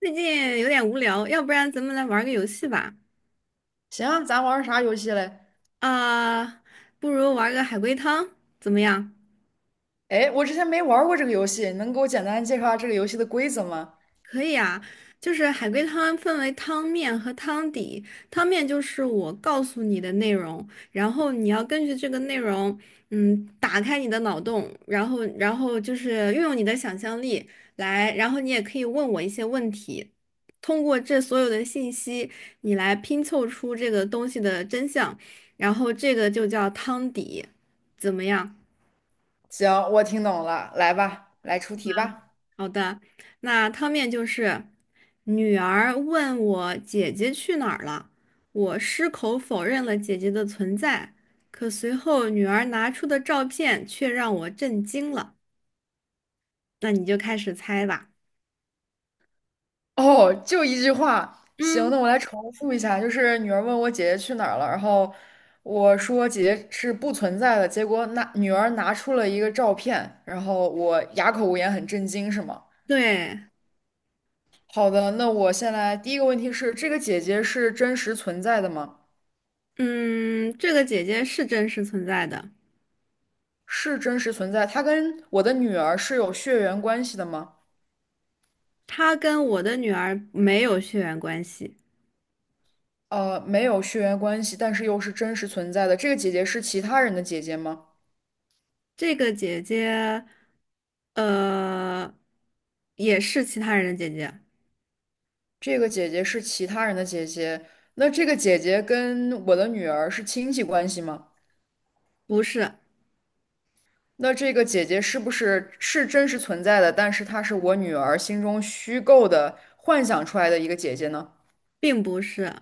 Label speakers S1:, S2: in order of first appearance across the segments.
S1: 最近有点无聊，要不然咱们来玩个游戏吧？
S2: 行啊咱玩儿啥游戏嘞？
S1: 啊、不如玩个海龟汤，怎么样？
S2: 哎，我之前没玩儿过这个游戏，你能给我简单介绍下这个游戏的规则吗？
S1: 可以啊，就是海龟汤分为汤面和汤底。汤面就是我告诉你的内容，然后你要根据这个内容，打开你的脑洞，然后就是运用你的想象力来，然后你也可以问我一些问题，通过这所有的信息，你来拼凑出这个东西的真相，然后这个就叫汤底，怎么样？
S2: 行，我听懂了，来吧，来出题吧。
S1: 好的，那汤面就是女儿问我姐姐去哪儿了，我矢口否认了姐姐的存在，可随后女儿拿出的照片却让我震惊了。那你就开始猜吧。
S2: 哦，就一句话。行，
S1: 嗯。
S2: 那我来重复一下，就是女儿问我姐姐去哪儿了，然后我说姐姐是不存在的，结果那女儿拿出了一个照片，然后我哑口无言，很震惊，是吗？
S1: 对。
S2: 好的，那我先来，第一个问题是，这个姐姐是真实存在的吗？
S1: 嗯，这个姐姐是真实存在的，
S2: 是真实存在。她跟我的女儿是有血缘关系的吗？
S1: 她跟我的女儿没有血缘关系。
S2: 没有血缘关系，但是又是真实存在的。这个姐姐是其他人的姐姐吗？
S1: 这个姐姐，呃，也是其他人的姐姐，
S2: 这个姐姐是其他人的姐姐。那这个姐姐跟我的女儿是亲戚关系吗？
S1: 不是，
S2: 那这个姐姐是不是是真实存在的？但是她是我女儿心中虚构的幻想出来的一个姐姐呢？
S1: 并不是。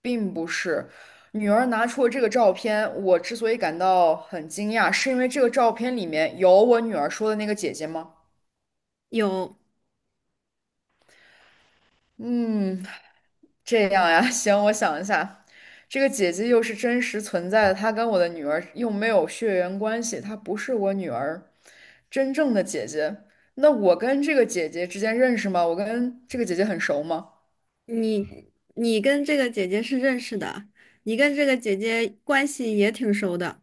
S2: 并不是，女儿拿出了这个照片，我之所以感到很惊讶，是因为这个照片里面有我女儿说的那个姐姐吗？
S1: 有。
S2: 嗯，这样呀，行，我想一下，这个姐姐又是真实存在的，她跟我的女儿又没有血缘关系，她不是我女儿真正的姐姐。那我跟这个姐姐之间认识吗？我跟这个姐姐很熟吗？
S1: 你，你跟这个姐姐是认识的，你跟这个姐姐关系也挺熟的。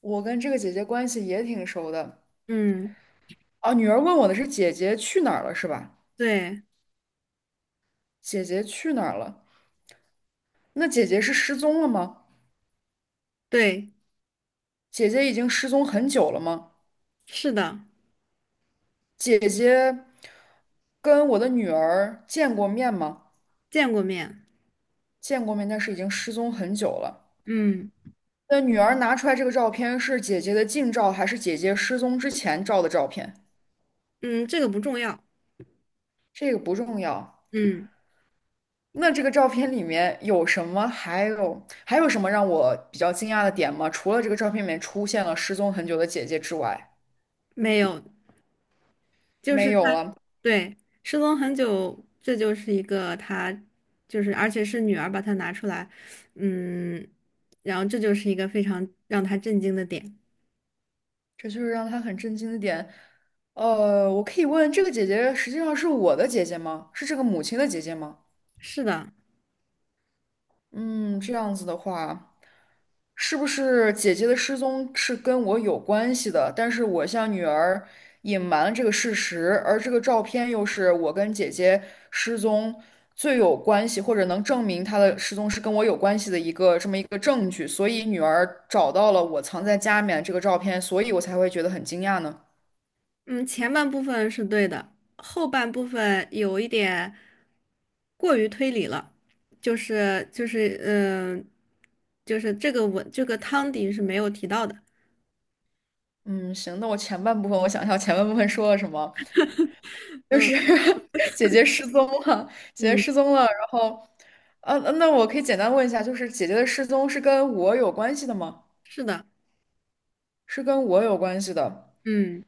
S2: 我跟这个姐姐关系也挺熟的。
S1: 嗯。
S2: 啊，女儿问我的是姐姐去哪儿了，是吧？
S1: 对
S2: 姐姐去哪儿了？那姐姐是失踪了吗？
S1: 对。
S2: 姐姐已经失踪很久了吗？
S1: 是的。
S2: 姐姐跟我的女儿见过面吗？
S1: 见过面。
S2: 见过面，但是已经失踪很久了。
S1: 嗯
S2: 那女儿拿出来这个照片是姐姐的近照，还是姐姐失踪之前照的照片？
S1: 嗯。这个不重要。
S2: 这个不重要。
S1: 嗯。
S2: 那这个照片里面有什么？还有什么让我比较惊讶的点吗？除了这个照片里面出现了失踪很久的姐姐之外，
S1: 没有，就
S2: 没
S1: 是她，
S2: 有了。
S1: 对，失踪很久，这就是一个她，就是而且是女儿把她拿出来，嗯，然后这就是一个非常让她震惊的点。
S2: 这就是让他很震惊的点。我可以问这个姐姐实际上是我的姐姐吗？是这个母亲的姐姐吗？
S1: 是的。
S2: 嗯，这样子的话，是不是姐姐的失踪是跟我有关系的？但是我向女儿隐瞒了这个事实，而这个照片又是我跟姐姐失踪最有关系，或者能证明她的失踪是跟我有关系的一个这么一个证据，所以女儿找到了我藏在家里面这个照片，所以我才会觉得很惊讶呢。
S1: 嗯，前半部分是对的，后半部分有一点过于推理了，就是就是嗯、呃就是这个文这个汤底是没有提到的。
S2: 嗯，行，那我前半部分我想一下，我前半部分说了什么？就
S1: 嗯
S2: 是 姐姐失踪了，姐姐
S1: 嗯。
S2: 失踪了，然后，那我可以简单问一下，就是姐姐的失踪是跟我有关系的吗？
S1: 是的。
S2: 是跟我有关系的。
S1: 嗯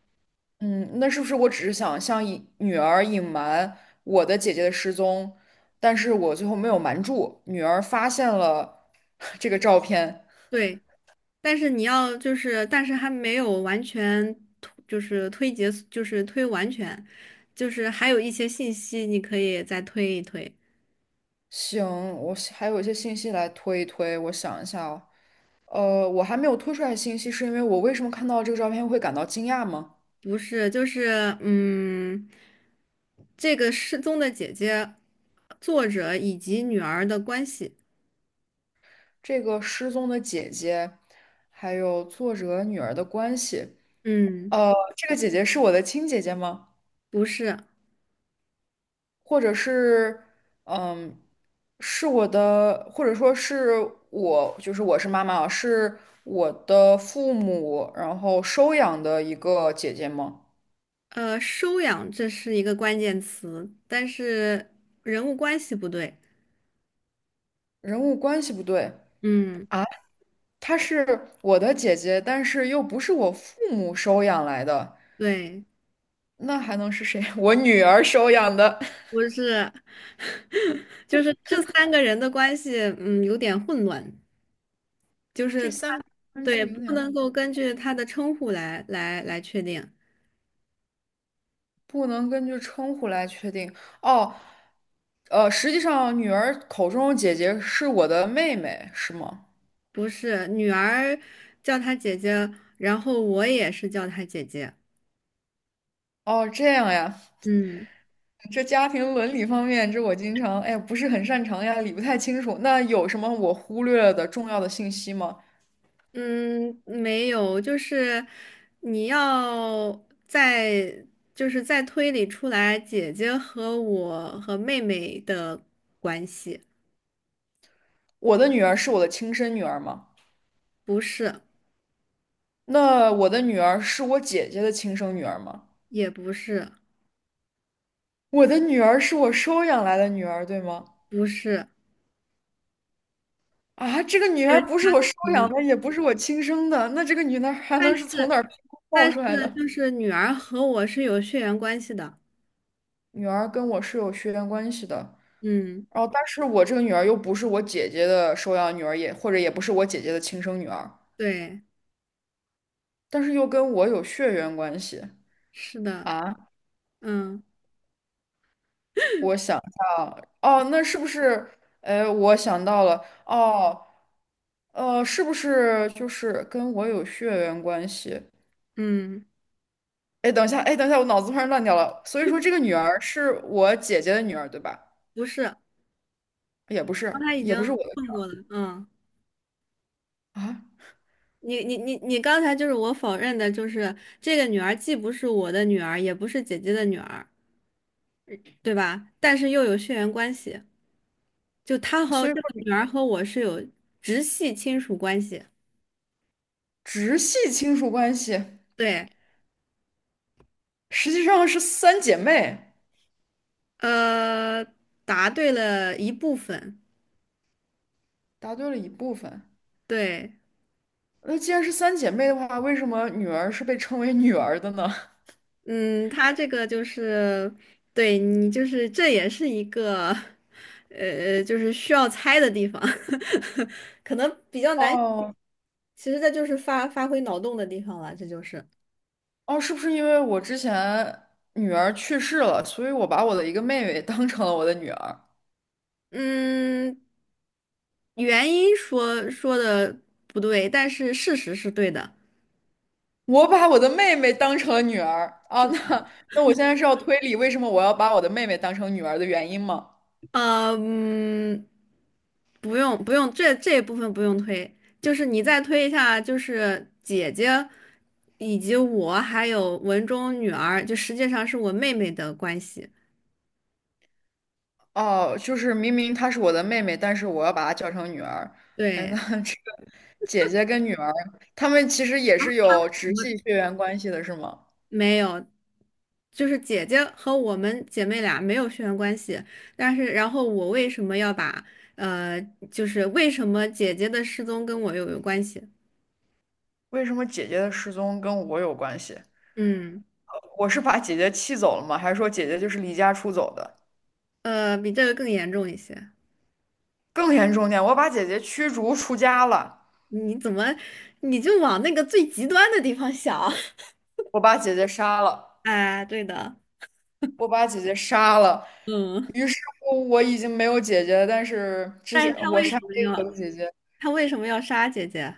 S2: 嗯，那是不是我只是想向隐女儿隐瞒我的姐姐的失踪，但是我最后没有瞒住，女儿发现了 这个照片。
S1: 对。但是你要就是，但是还没有完全推就是推结，就是推完全，就是还有一些信息你可以再推一推。
S2: 行，我还有一些信息来推一推，我想一下哦。我还没有推出来信息，是因为我为什么看到这个照片会感到惊讶吗？
S1: 不是，这个失踪的姐姐，作者以及女儿的关系，
S2: 这个失踪的姐姐，还有作者女儿的关系，
S1: 嗯。
S2: 这个姐姐是我的亲姐姐吗？
S1: 不是，
S2: 或者是，嗯，是我的，或者说是我，就是我是妈妈啊，是我的父母，然后收养的一个姐姐吗？
S1: 收养这是一个关键词，但是人物关系不对，
S2: 人物关系不对
S1: 嗯。
S2: 啊，她是我的姐姐，但是又不是我父母收养来的。
S1: 对。
S2: 那还能是谁？我女儿收养的。
S1: 不是。就是这三个人的关系，有点混乱，就是
S2: 这
S1: 他，
S2: 三个关
S1: 对，
S2: 系有
S1: 不
S2: 点
S1: 能够根据他的称呼来确定，
S2: 不能根据称呼来确定。哦，实际上女儿口中的姐姐是我的妹妹，是吗？
S1: 不是，女儿叫她姐姐，然后我也是叫她姐姐。
S2: 哦，这样呀。
S1: 嗯。
S2: 这家庭伦理方面，这我经常哎不是很擅长呀，理不太清楚。那有什么我忽略了的重要的信息吗？
S1: 嗯。没有，就是你要再，就是在推理出来姐姐和我和妹妹的关系，
S2: 我的女儿是我的亲生女儿吗？
S1: 不是，
S2: 那我的女儿是我姐姐的亲生女儿吗？
S1: 也不是，
S2: 我的女儿是我收养来的女儿，对吗？
S1: 不是，
S2: 啊，这个女
S1: 对，
S2: 儿不是我收养的，也不是我亲生的，那这个女儿还能
S1: 但是
S2: 是从哪儿冒
S1: 但
S2: 出来
S1: 是
S2: 的？
S1: 就是女儿和我是有血缘关系的，
S2: 女儿跟我是有血缘关系的，
S1: 嗯
S2: 然后但是我这个女儿又不是我姐姐的收养女儿，也或者也不是我姐姐的亲生女儿，
S1: 对。
S2: 但是又跟我有血缘关系
S1: 是的。
S2: 啊！
S1: 嗯。
S2: 我想一下啊，哦，那是不是？哎，我想到了，哦，是不是就是跟我有血缘关系？
S1: 嗯。
S2: 哎，等一下，我脑子突然乱掉了。所以说，这个女儿是我姐姐的女儿，对吧？
S1: 不是。
S2: 也不
S1: 刚
S2: 是，
S1: 才已
S2: 也不是我
S1: 经
S2: 的女
S1: 问过了，
S2: 儿啊。
S1: 你刚才就是我否认的，就是这个女儿既不是我的女儿，也不是姐姐的女儿，对吧？但是又有血缘关系，就她和
S2: 所以
S1: 这
S2: 说，
S1: 个女儿和我是有直系亲属关系。
S2: 直系亲属关系
S1: 对。
S2: 实际上是三姐妹。
S1: 呃，答对了一部分。
S2: 答对了一部分。
S1: 对。
S2: 那既然是三姐妹的话，为什么女儿是被称为女儿的呢？
S1: 嗯，他这个就是，对你就是这也是一个，就是需要猜的地方，可能比较 难。
S2: 哦
S1: 其实这就是发挥脑洞的地方了，这就是。
S2: 哦，是不是因为我之前女儿去世了，所以我把我的一个妹妹当成了我的女儿？
S1: 嗯，原因说的不对，但是事实是对的。
S2: 我把我的妹妹当成了女儿啊，
S1: 是的。
S2: 那我现在是要推理为什么我要把我的妹妹当成女儿的原因吗？
S1: 呃，嗯，不用不用，这一部分不用推，就是你再推一下，就是姐姐以及我还有文中女儿，就实际上是我妹妹的关系。
S2: 哦，就是明明她是我的妹妹，但是我要把她叫成女儿。哎，那
S1: 对。
S2: 这姐姐跟女儿，她们其实也是有直系血缘关系的，是吗？
S1: 没有，就是姐姐和我们姐妹俩没有血缘关系，但是然后我为什么要把呃，就是为什么姐姐的失踪跟我又有关系？
S2: 为什么姐姐的失踪跟我有关系？
S1: 嗯，
S2: 我是把姐姐气走了吗？还是说姐姐就是离家出走的？
S1: 比这个更严重一些。
S2: 更严重点，我把姐姐驱逐出家了，
S1: 你怎么，你就往那个最极端的地方想？
S2: 我把姐姐杀了。
S1: 哎，对的。
S2: 我把姐姐杀了。
S1: 嗯，
S2: 于是乎，我已经没有姐姐，但是之
S1: 但
S2: 所
S1: 是他
S2: 我
S1: 为
S2: 杀
S1: 什
S2: 了
S1: 么
S2: 一个
S1: 要
S2: 我的姐姐，
S1: 他为什么要杀姐姐？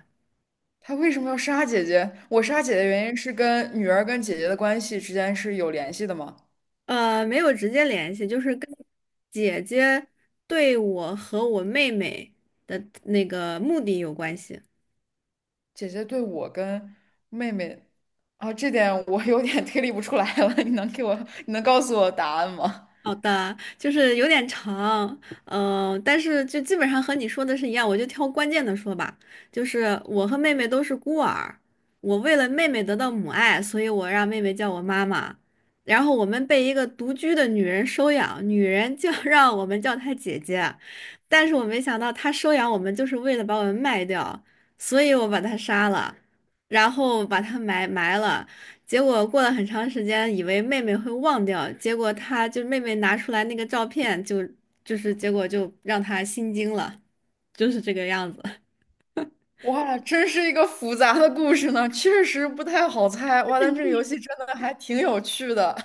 S2: 她为什么要杀姐姐？我杀姐姐的原因是跟女儿跟姐姐的关系之间是有联系的吗？
S1: 没有直接联系，就是跟姐姐对我和我妹妹的那个目的有关系。
S2: 姐姐对我跟妹妹，啊，这点我有点推理不出来了。你能告诉我答案吗？
S1: 好的，就是有点长，但是就基本上和你说的是一样，我就挑关键的说吧。就是我和妹妹都是孤儿，我为了妹妹得到母爱，所以我让妹妹叫我妈妈。然后我们被一个独居的女人收养，女人就 让我们叫她姐姐，但是我没想到她收养我们就是为了把我们卖掉，所以我把她杀了，然后把她埋了。结果过了很长时间，以为妹妹会忘掉，结果妹妹拿出来那个照片就，就是结果就让她心惊了，就是这个样子
S2: 哇，真是一个复杂的故事呢，确实不太好猜。哇，但这个游戏真的还挺有趣的。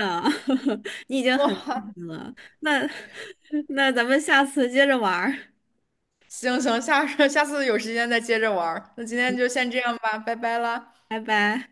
S1: 啊，你已经很厉害了，那 那咱们下次接着玩儿，
S2: 行，下 次有时间再接着玩儿。那今天就先这样吧，拜拜啦。
S1: 拜拜。